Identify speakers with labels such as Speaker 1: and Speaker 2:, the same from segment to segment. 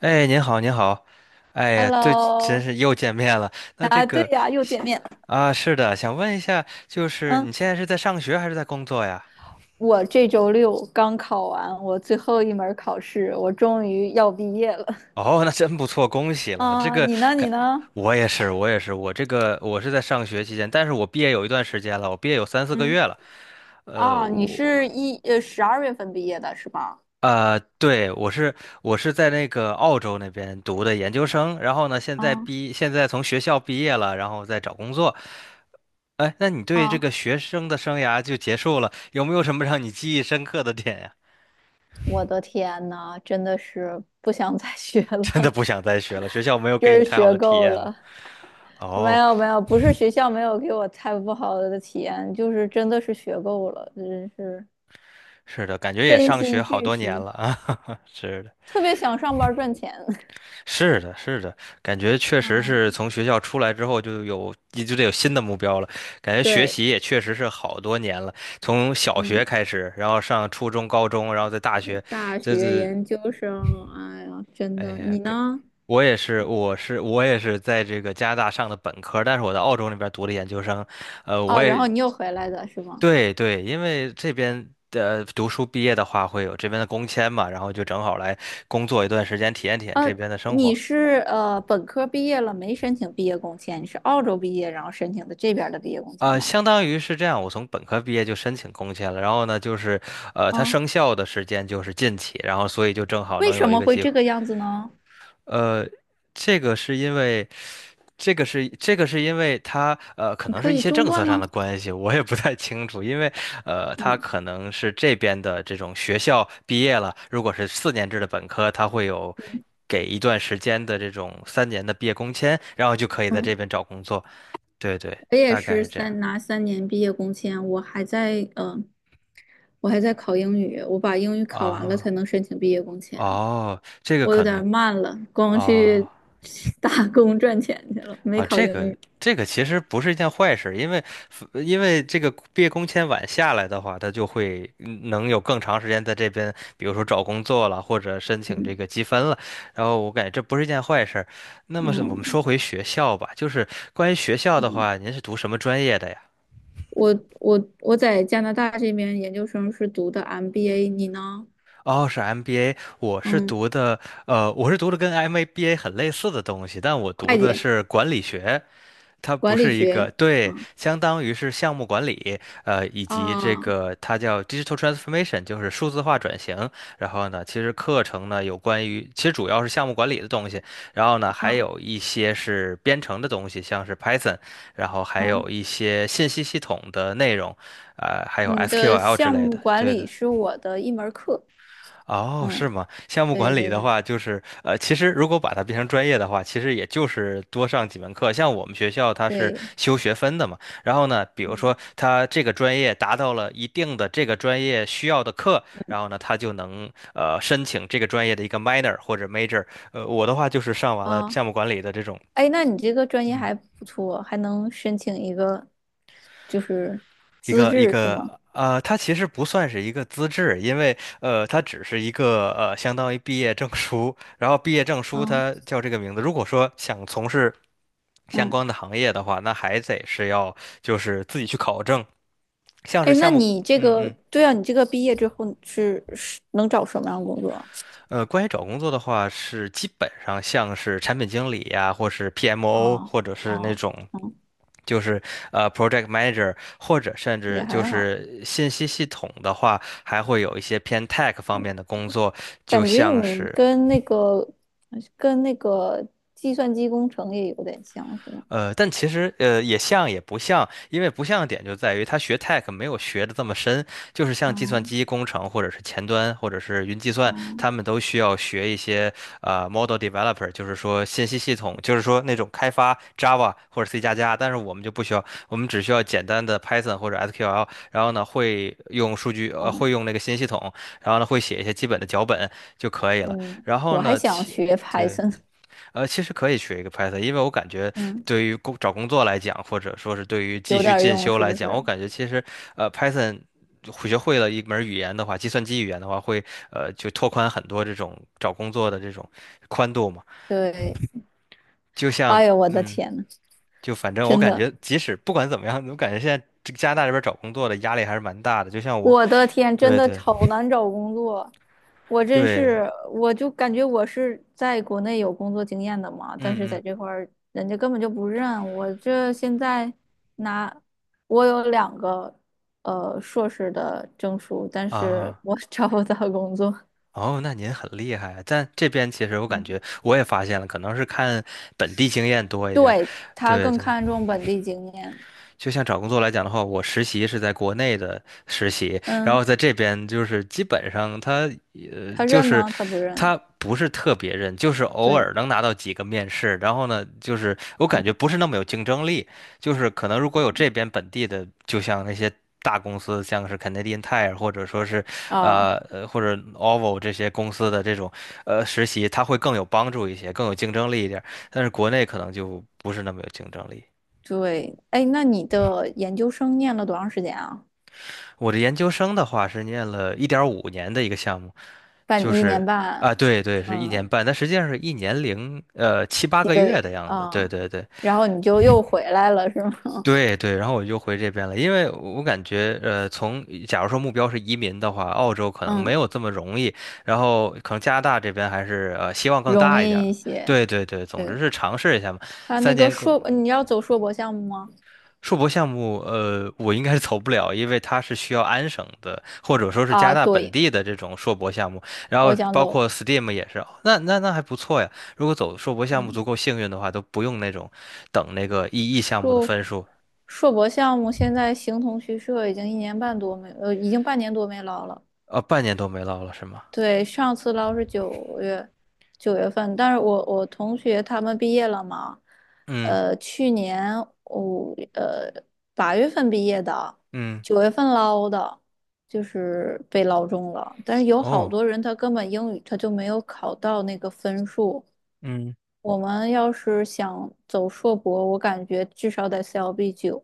Speaker 1: 哎，您好，您好，哎呀，对，真
Speaker 2: Hello，
Speaker 1: 是又见面了。那这
Speaker 2: 啊，对
Speaker 1: 个
Speaker 2: 呀，又见面了。
Speaker 1: 啊，是的，想问一下，就是你
Speaker 2: 嗯，
Speaker 1: 现在是在上学还是在工作呀？
Speaker 2: 我这周六刚考完我最后一门儿考试，我终于要毕业了。
Speaker 1: 哦，那真不错，恭 喜了。这
Speaker 2: 啊，
Speaker 1: 个
Speaker 2: 你呢？你
Speaker 1: 感，
Speaker 2: 呢？
Speaker 1: 我也是，我也是，我这个我是在上学期间，但是我毕业有一段时间了，我毕业有3、4个月
Speaker 2: 嗯，
Speaker 1: 了。呃，
Speaker 2: 啊，你
Speaker 1: 我
Speaker 2: 是十二月份毕业的是吧？
Speaker 1: 对，我是在那个澳洲那边读的研究生，然后呢，
Speaker 2: 啊
Speaker 1: 现在从学校毕业了，然后在找工作。哎，那你对这
Speaker 2: 啊，
Speaker 1: 个学生的生涯就结束了，有没有什么让你记忆深刻的点呀？
Speaker 2: 我的天呐，真的是不想再学
Speaker 1: 真的
Speaker 2: 了，
Speaker 1: 不想再学了，学校没 有给
Speaker 2: 真
Speaker 1: 你
Speaker 2: 是
Speaker 1: 太好
Speaker 2: 学
Speaker 1: 的体
Speaker 2: 够
Speaker 1: 验吗？
Speaker 2: 了。没
Speaker 1: 哦，
Speaker 2: 有没有，不是学校没有给我太不好的体验，就是真的是学够了，真是
Speaker 1: 是的，感觉也
Speaker 2: 身
Speaker 1: 上
Speaker 2: 心
Speaker 1: 学好
Speaker 2: 俱
Speaker 1: 多年
Speaker 2: 疲，
Speaker 1: 了啊，是的。
Speaker 2: 特别想上班儿赚钱。
Speaker 1: 是的，是的，感觉确 实是
Speaker 2: 嗯
Speaker 1: 从学校出来之后就得有新的目标了。感觉学
Speaker 2: 对，
Speaker 1: 习也确实是好多年了，从小学
Speaker 2: 嗯，
Speaker 1: 开始，然后上初中、高中，然后在大学。
Speaker 2: 大
Speaker 1: 这
Speaker 2: 学
Speaker 1: 是
Speaker 2: 研究生，哎呀，真
Speaker 1: 哎
Speaker 2: 的，
Speaker 1: 呀，
Speaker 2: 你呢？
Speaker 1: 我也是，我也是在这个加拿大上的本科，但是我在澳洲那边读的研究生。呃，我
Speaker 2: 哦，然后
Speaker 1: 也
Speaker 2: 你又回来的是吗？
Speaker 1: 对对，因为这边的读书毕业的话，会有这边的工签嘛，然后就正好来工作一段时间，体验体验
Speaker 2: 呃，
Speaker 1: 这边的生
Speaker 2: 你
Speaker 1: 活。
Speaker 2: 是本科毕业了，没申请毕业工签，你是澳洲毕业，然后申请的这边儿的毕业工签
Speaker 1: 啊，
Speaker 2: 吗？
Speaker 1: 相当于是这样，我从本科毕业就申请工签了，然后呢，它
Speaker 2: 嗯，
Speaker 1: 生效的时间就是近期，然后所以就正好
Speaker 2: 为
Speaker 1: 能
Speaker 2: 什
Speaker 1: 有一
Speaker 2: 么
Speaker 1: 个
Speaker 2: 会
Speaker 1: 机会。
Speaker 2: 这个样子呢？
Speaker 1: 呃，这个是因为，这个是因为它可
Speaker 2: 你
Speaker 1: 能
Speaker 2: 可
Speaker 1: 是一
Speaker 2: 以
Speaker 1: 些
Speaker 2: 中
Speaker 1: 政策
Speaker 2: 断
Speaker 1: 上
Speaker 2: 吗？
Speaker 1: 的关系，我也不太清楚，因为它
Speaker 2: 嗯
Speaker 1: 可能是这边的这种学校毕业了，如果是4年制的本科，它会有给一段时间的这种三年的毕业工签，然后就可以在这
Speaker 2: 嗯，
Speaker 1: 边找工作。对对，
Speaker 2: 我也
Speaker 1: 大概
Speaker 2: 是
Speaker 1: 是这样
Speaker 2: 拿三年毕业工签，我还在考英语，我把英语考完了
Speaker 1: 啊。
Speaker 2: 才能申请毕业工签。
Speaker 1: 哦，这个
Speaker 2: 我有
Speaker 1: 可
Speaker 2: 点儿
Speaker 1: 能
Speaker 2: 慢了，光
Speaker 1: 哦
Speaker 2: 去 打工赚钱去了，没
Speaker 1: 啊，
Speaker 2: 考
Speaker 1: 这
Speaker 2: 英
Speaker 1: 个
Speaker 2: 语。
Speaker 1: 这个其实不是一件坏事，因为因为这个毕业工签晚下来的话，他就会能有更长时间在这边，比如说找工作了，或者申请这个
Speaker 2: 嗯
Speaker 1: 积分了。然后我感觉这不是一件坏事。那么是我们
Speaker 2: 嗯
Speaker 1: 说回学校吧，就是关于学校的
Speaker 2: 嗯，
Speaker 1: 话，您是读什么专业的呀？
Speaker 2: 我在加拿大这边研究生是读的 MBA,你呢？
Speaker 1: 哦，是 MBA，
Speaker 2: 嗯，
Speaker 1: 我是读的跟 MBA 很类似的东西，但我读
Speaker 2: 会
Speaker 1: 的
Speaker 2: 计、
Speaker 1: 是管理学。它不
Speaker 2: 管理
Speaker 1: 是一个，
Speaker 2: 学。
Speaker 1: 对，
Speaker 2: 嗯
Speaker 1: 相当于是项目管理，以及这
Speaker 2: 啊
Speaker 1: 个它叫 digital transformation，就是数字化转型。然后呢，其实课程呢有关于，其实主要是项目管理的东西，然后呢还
Speaker 2: 啊
Speaker 1: 有一些是编程的东西，像是 Python，然后还
Speaker 2: 嗯，
Speaker 1: 有一些信息系统的内容，还有
Speaker 2: 你的
Speaker 1: SQL 之
Speaker 2: 项
Speaker 1: 类
Speaker 2: 目
Speaker 1: 的。
Speaker 2: 管
Speaker 1: 对
Speaker 2: 理
Speaker 1: 的。
Speaker 2: 是我的一门儿课。
Speaker 1: 哦，
Speaker 2: 嗯，
Speaker 1: 是吗？项目
Speaker 2: 对
Speaker 1: 管理
Speaker 2: 对
Speaker 1: 的
Speaker 2: 对
Speaker 1: 话，其实如果把它变成专业的话，其实也就是多上几门课。像我们学校它是
Speaker 2: 对，
Speaker 1: 修学分的嘛，然后呢，比如
Speaker 2: 嗯
Speaker 1: 说它这个专业达到了一定的这个专业需要的课，然后呢，它就能申请这个专业的一个 minor 或者 major。我的话就是上完了
Speaker 2: 啊，
Speaker 1: 项目管理的这种。
Speaker 2: 哎，那你这个专业
Speaker 1: 嗯。
Speaker 2: 还不错，还能申请一个就是
Speaker 1: 一
Speaker 2: 资
Speaker 1: 个一
Speaker 2: 质是
Speaker 1: 个
Speaker 2: 吗？
Speaker 1: 它其实不算是一个资质，因为它只是一个相当于毕业证书。然后毕业证书
Speaker 2: 啊
Speaker 1: 它叫这个名字。如果说想从事相
Speaker 2: 嗯，
Speaker 1: 关的行业的话，那还得是要就是自己去考证，像是
Speaker 2: 哎，那
Speaker 1: 项目，
Speaker 2: 你这
Speaker 1: 嗯
Speaker 2: 个，
Speaker 1: 嗯。
Speaker 2: 对啊，你这个毕业之后是是能找什么样的工作啊？
Speaker 1: 关于找工作的话，是基本上像是产品经理呀，或是 PMO，
Speaker 2: 哦
Speaker 1: 或者是那
Speaker 2: 哦，
Speaker 1: 种
Speaker 2: 嗯，
Speaker 1: 就是 project manager，或者甚
Speaker 2: 也
Speaker 1: 至就
Speaker 2: 还好，
Speaker 1: 是信息系统的话，还会有一些偏 tech 方面的工作，就
Speaker 2: 感觉
Speaker 1: 像
Speaker 2: 你
Speaker 1: 是
Speaker 2: 跟那个计算机工程也有点像，是吗？
Speaker 1: 呃，但其实也像也不像，因为不像的点就在于他学 tech 没有学的这么深，就是像计算
Speaker 2: 嗯
Speaker 1: 机工程或者是前端或者是云计算，
Speaker 2: 嗯
Speaker 1: 他们都需要学一些model developer，就是说信息系统，就是说那种开发 Java 或者 C 加加，但是我们就不需要，我们只需要简单的 Python 或者 SQL，然后呢会用数据
Speaker 2: 嗯
Speaker 1: 会用那个信息系统，然后呢会写一些基本的脚本就可以了。
Speaker 2: 嗯，
Speaker 1: 然后
Speaker 2: 我还
Speaker 1: 呢
Speaker 2: 想
Speaker 1: 其。
Speaker 2: 学
Speaker 1: 对。
Speaker 2: Python,
Speaker 1: 其实可以学一个 Python，因为我感觉
Speaker 2: 嗯，
Speaker 1: 对于找工作来讲，或者说是对于继
Speaker 2: 有
Speaker 1: 续
Speaker 2: 点儿
Speaker 1: 进
Speaker 2: 用
Speaker 1: 修
Speaker 2: 是
Speaker 1: 来
Speaker 2: 不
Speaker 1: 讲，我
Speaker 2: 是？
Speaker 1: 感觉其实Python 学会了一门语言的话，计算机语言的话，会就拓宽很多这种找工作的这种宽度嘛。
Speaker 2: 对，
Speaker 1: 就像
Speaker 2: 哎呦，我的
Speaker 1: 嗯，
Speaker 2: 天呐，
Speaker 1: 就反正我
Speaker 2: 真
Speaker 1: 感
Speaker 2: 的。
Speaker 1: 觉，即使不管怎么样，我感觉现在这个加拿大这边找工作的压力还是蛮大的。就像我，
Speaker 2: 我的天，真
Speaker 1: 对
Speaker 2: 的
Speaker 1: 对
Speaker 2: 好难找工作，我真
Speaker 1: 对，
Speaker 2: 是，我就感觉我是在国内有工作经验的嘛，
Speaker 1: 嗯
Speaker 2: 但是在
Speaker 1: 嗯
Speaker 2: 这块儿人家根本就不认我。这现在拿我有两个硕士的证书，但是
Speaker 1: 啊。
Speaker 2: 我 找不到工作。
Speaker 1: 哦，那您很厉害啊。但这边其实我感
Speaker 2: 嗯，
Speaker 1: 觉我也发现了，可能是看本地经验多一点儿。
Speaker 2: 对，他
Speaker 1: 对
Speaker 2: 更
Speaker 1: 对，
Speaker 2: 看重本地经验，
Speaker 1: 就像找工作来讲的话，我实习是在国内的实习，然
Speaker 2: 嗯，
Speaker 1: 后在这边就是基本上他呃
Speaker 2: 他
Speaker 1: 就
Speaker 2: 认
Speaker 1: 是
Speaker 2: 吗？他不认。
Speaker 1: 他不是特别认，就是偶
Speaker 2: 对，
Speaker 1: 尔能拿到几个面试，然后呢，就是我
Speaker 2: 嗯
Speaker 1: 感觉不是那么有竞争力，就是可能如果有这边本地的，就像那些大公司，像是 Canadian Tire 或者说是，
Speaker 2: 啊，
Speaker 1: 或者 OVO 这些公司的这种实习，它会更有帮助一些，更有竞争力一点儿，但是国内可能就不是那么有竞争力。
Speaker 2: 对，哎，那你的研究生念了多长时间啊？
Speaker 1: 我的研究生的话是念了1.5年的一个项目。就
Speaker 2: 半一年
Speaker 1: 是
Speaker 2: 半，
Speaker 1: 对对，是一年
Speaker 2: 嗯，
Speaker 1: 半，但实际上是一年零七八
Speaker 2: 几
Speaker 1: 个
Speaker 2: 个
Speaker 1: 月的
Speaker 2: 月
Speaker 1: 样子。对
Speaker 2: 啊，
Speaker 1: 对对
Speaker 2: 然后你就又回来了，是吗？
Speaker 1: 对对，然后我就回这边了，因为我感觉从假如说目标是移民的话，澳洲可能没
Speaker 2: 嗯，
Speaker 1: 有这么容易，然后可能加拿大这边还是希望更
Speaker 2: 容
Speaker 1: 大一点
Speaker 2: 易一
Speaker 1: 嘛。
Speaker 2: 些。
Speaker 1: 对对对，总之
Speaker 2: 对，
Speaker 1: 是尝试一下嘛。
Speaker 2: 他
Speaker 1: 三
Speaker 2: 那个
Speaker 1: 年更。
Speaker 2: 硕，你要走硕博项目吗？
Speaker 1: 硕博项目，我应该是走不了，因为它是需要安省的，或者说是加拿
Speaker 2: 啊，
Speaker 1: 大本
Speaker 2: 对，
Speaker 1: 地的这种硕博项目，然
Speaker 2: 我
Speaker 1: 后
Speaker 2: 想
Speaker 1: 包
Speaker 2: 走，
Speaker 1: 括 STEAM 也是，那那那还不错呀。如果走硕博项目
Speaker 2: 嗯，
Speaker 1: 足够幸运的话，都不用那种等那个 EE 项目的
Speaker 2: 硕
Speaker 1: 分数。
Speaker 2: 硕博项目现在形同虚设，已经半年多没捞了。
Speaker 1: 半年都没落了是吗？
Speaker 2: 对，上次捞是九月份，但是我我同学他们毕业了嘛，
Speaker 1: 嗯
Speaker 2: 呃，去年五呃八月份毕业的，
Speaker 1: 嗯，
Speaker 2: 九月份捞的，就是被捞中了。但是有好
Speaker 1: 哦，
Speaker 2: 多人他根本英语他就没有考到那个分数。
Speaker 1: 嗯。
Speaker 2: 我们要是想走硕博，我感觉至少得 CLB 九，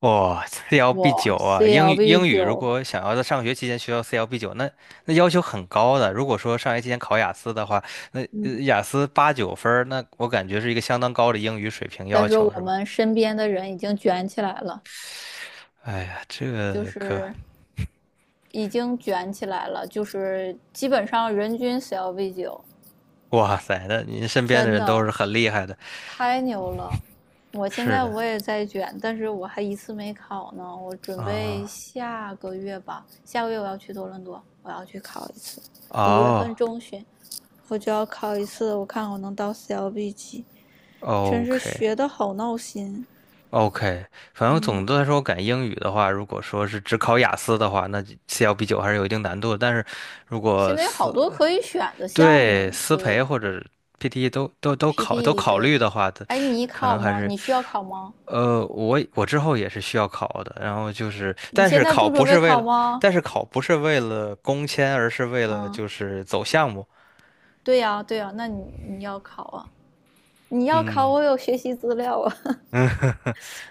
Speaker 1: 哇，CLB
Speaker 2: 我
Speaker 1: 九啊，英语
Speaker 2: CLB
Speaker 1: 英语如
Speaker 2: 九，
Speaker 1: 果想要在上学期间学到 CLB 九，那那要求很高的。如果说上学期间考雅思的话，那
Speaker 2: 嗯，
Speaker 1: 雅思8、9分儿那我感觉是一个相当高的英语水平
Speaker 2: 再
Speaker 1: 要
Speaker 2: 说
Speaker 1: 求，是
Speaker 2: 我
Speaker 1: 吧？
Speaker 2: 们身边的人已经卷起来了。
Speaker 1: 哎呀，这
Speaker 2: 就
Speaker 1: 个可，
Speaker 2: 是已经卷起来了，就是基本上人均 CLV 九，
Speaker 1: 哇塞，那您身边的
Speaker 2: 真
Speaker 1: 人都
Speaker 2: 的
Speaker 1: 是很厉害的。
Speaker 2: 太牛了。我现
Speaker 1: 是
Speaker 2: 在
Speaker 1: 的
Speaker 2: 我也在卷，但是我还一次没考呢。我准备
Speaker 1: 啊，
Speaker 2: 下个月吧，下个月我要去多伦多，我要去考一次。五月份
Speaker 1: 哦
Speaker 2: 中旬我就要考一次，我看我能到 CLB 几，
Speaker 1: 哦
Speaker 2: 真
Speaker 1: ，OK
Speaker 2: 是
Speaker 1: 哦
Speaker 2: 学的好闹心。
Speaker 1: OK，反正总
Speaker 2: 嗯，
Speaker 1: 的来说，我感觉英语的话，如果说是只考雅思的话，那 CLB 九还是有一定难度的。但是如果
Speaker 2: 现在有
Speaker 1: 是
Speaker 2: 好多可以选的项目，
Speaker 1: 对，私培或者 PTE 都都
Speaker 2: PT
Speaker 1: 考
Speaker 2: 对。
Speaker 1: 虑的话，它
Speaker 2: 哎，你
Speaker 1: 可能
Speaker 2: 考
Speaker 1: 还
Speaker 2: 吗？
Speaker 1: 是，
Speaker 2: 你需要考吗？
Speaker 1: 我之后也是需要考的。然后就是，
Speaker 2: 你现在不准备考吗？
Speaker 1: 但是考不是为了工签，而是为了
Speaker 2: 嗯，
Speaker 1: 就是走项目。
Speaker 2: 对呀，对呀，那你要考啊？你要考，
Speaker 1: 嗯。
Speaker 2: 我有学习资料啊。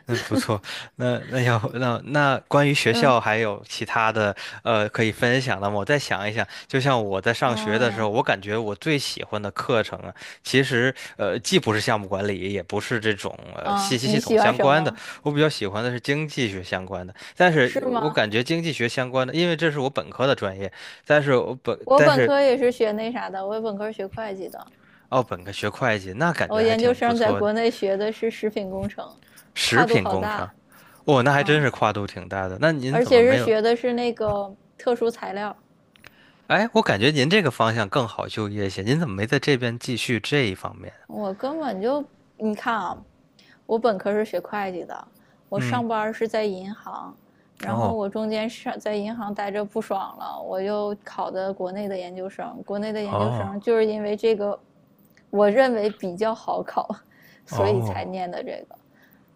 Speaker 1: 嗯，不错。那那要那那关于学校 还有其他的可以分享的吗？我再想一想，就像我在上
Speaker 2: 嗯，
Speaker 1: 学
Speaker 2: 哎
Speaker 1: 的时候，
Speaker 2: 呀，
Speaker 1: 我感觉我最喜欢的课程啊，其实既不是项目管理，也不是这种信
Speaker 2: 嗯，
Speaker 1: 息系
Speaker 2: 你
Speaker 1: 统
Speaker 2: 喜欢
Speaker 1: 相
Speaker 2: 什
Speaker 1: 关的，
Speaker 2: 么？
Speaker 1: 我比较喜欢的是经济学相关的。但
Speaker 2: 是
Speaker 1: 是我
Speaker 2: 吗？
Speaker 1: 感觉经济学相关的，因为这是我本科的专业，但是我本
Speaker 2: 我
Speaker 1: 但
Speaker 2: 本
Speaker 1: 是
Speaker 2: 科也是学那啥的，我本科学会计的，
Speaker 1: 哦本科学会计，那感觉
Speaker 2: 我
Speaker 1: 还
Speaker 2: 研究
Speaker 1: 挺不
Speaker 2: 生在
Speaker 1: 错的。
Speaker 2: 国内学的是食品工程，
Speaker 1: 食
Speaker 2: 跨度
Speaker 1: 品
Speaker 2: 好
Speaker 1: 工程。
Speaker 2: 大，
Speaker 1: 哦，那还真
Speaker 2: 嗯，
Speaker 1: 是跨度挺大的。那您
Speaker 2: 而
Speaker 1: 怎么
Speaker 2: 且
Speaker 1: 没
Speaker 2: 是
Speaker 1: 有？
Speaker 2: 学的是那个特殊材料，
Speaker 1: 哎，我感觉您这个方向更好就业一些，您怎么没在这边继续这一方面？
Speaker 2: 我根本就，你看啊，我本科是学会计的，我
Speaker 1: 嗯，
Speaker 2: 上班是在银行，然后
Speaker 1: 哦，
Speaker 2: 我中间在银行待着不爽了，我就考的国内的研究生。国内的研究
Speaker 1: 哦，
Speaker 2: 生就是因为这个，我认为比较好考，所以才
Speaker 1: 哦，
Speaker 2: 念的这个。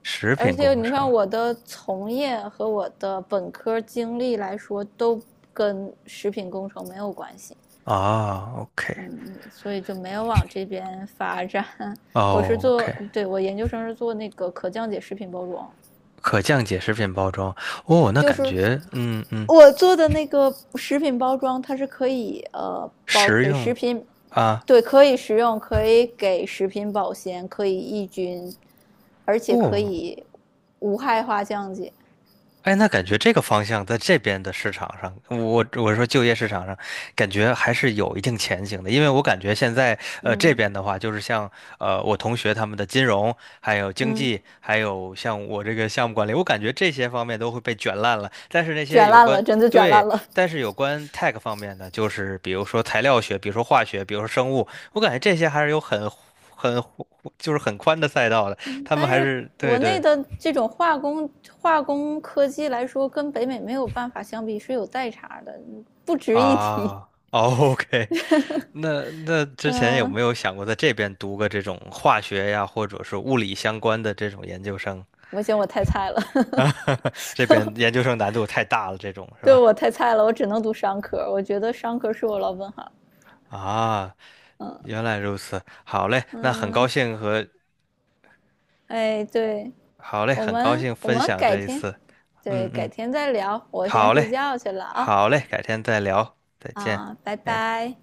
Speaker 1: 食
Speaker 2: 而
Speaker 1: 品
Speaker 2: 且
Speaker 1: 工
Speaker 2: 你
Speaker 1: 程
Speaker 2: 看我的从业和我的本科经历来说，都跟食品工程没有关系。
Speaker 1: 啊，OK，
Speaker 2: 嗯，所以就没有往这边发展。我是
Speaker 1: 哦
Speaker 2: 做，
Speaker 1: ，OK，
Speaker 2: 对，我研究生是做那个可降解食品包装，
Speaker 1: 可降解食品包装，哦，那
Speaker 2: 就
Speaker 1: 感
Speaker 2: 是
Speaker 1: 觉，嗯嗯，
Speaker 2: 我做的那个食品包装，它是可以包
Speaker 1: 实
Speaker 2: 给
Speaker 1: 用
Speaker 2: 食品，
Speaker 1: 啊，
Speaker 2: 对，可以食用，可以给食品保鲜，可以抑菌，而且可
Speaker 1: 哦，
Speaker 2: 以无害化降解。
Speaker 1: 哎，那感觉这个方向在这边的市场上，我说就业市场上，感觉还是有一定前景的。因为我感觉现在，这
Speaker 2: 嗯
Speaker 1: 边的话，就是像我同学他们的金融，还有经
Speaker 2: 嗯，
Speaker 1: 济，还有像我这个项目管理，我感觉这些方面都会被卷烂了。但是那些
Speaker 2: 卷
Speaker 1: 有
Speaker 2: 烂
Speaker 1: 关，
Speaker 2: 了，真的卷
Speaker 1: 对，
Speaker 2: 烂了。
Speaker 1: 但是有关 tech 方面的，就是比如说材料学，比如说化学，比如说生物，我感觉这些还是有很就是很宽的赛道的。他们
Speaker 2: 但
Speaker 1: 还
Speaker 2: 是
Speaker 1: 是
Speaker 2: 国
Speaker 1: 对
Speaker 2: 内
Speaker 1: 对。
Speaker 2: 的这种化工科技来说，跟北美没有办法相比，是有代差的，不值一提。
Speaker 1: 啊，o k。 那那之前有
Speaker 2: 嗯、呃
Speaker 1: 没有想过在这边读个这种化学呀，或者是物理相关的这种研究生？
Speaker 2: 我嫌我太菜了，
Speaker 1: 这边研 究生难度太大了，这种是
Speaker 2: 对
Speaker 1: 吧？
Speaker 2: 我太菜了，我只能读商科，我觉得商科是我老本行。
Speaker 1: 啊，原来如此，好嘞，那很高
Speaker 2: 嗯，
Speaker 1: 兴和，
Speaker 2: 哎，对
Speaker 1: 好嘞，
Speaker 2: 我
Speaker 1: 很高
Speaker 2: 们，
Speaker 1: 兴
Speaker 2: 我
Speaker 1: 分
Speaker 2: 们
Speaker 1: 享
Speaker 2: 改
Speaker 1: 这一
Speaker 2: 天，
Speaker 1: 次，
Speaker 2: 对，
Speaker 1: 嗯
Speaker 2: 改
Speaker 1: 嗯，
Speaker 2: 天再聊，我先
Speaker 1: 好
Speaker 2: 睡
Speaker 1: 嘞，
Speaker 2: 觉去了啊
Speaker 1: 好嘞，改天再聊，再见，
Speaker 2: 啊，拜
Speaker 1: 哎。
Speaker 2: 拜。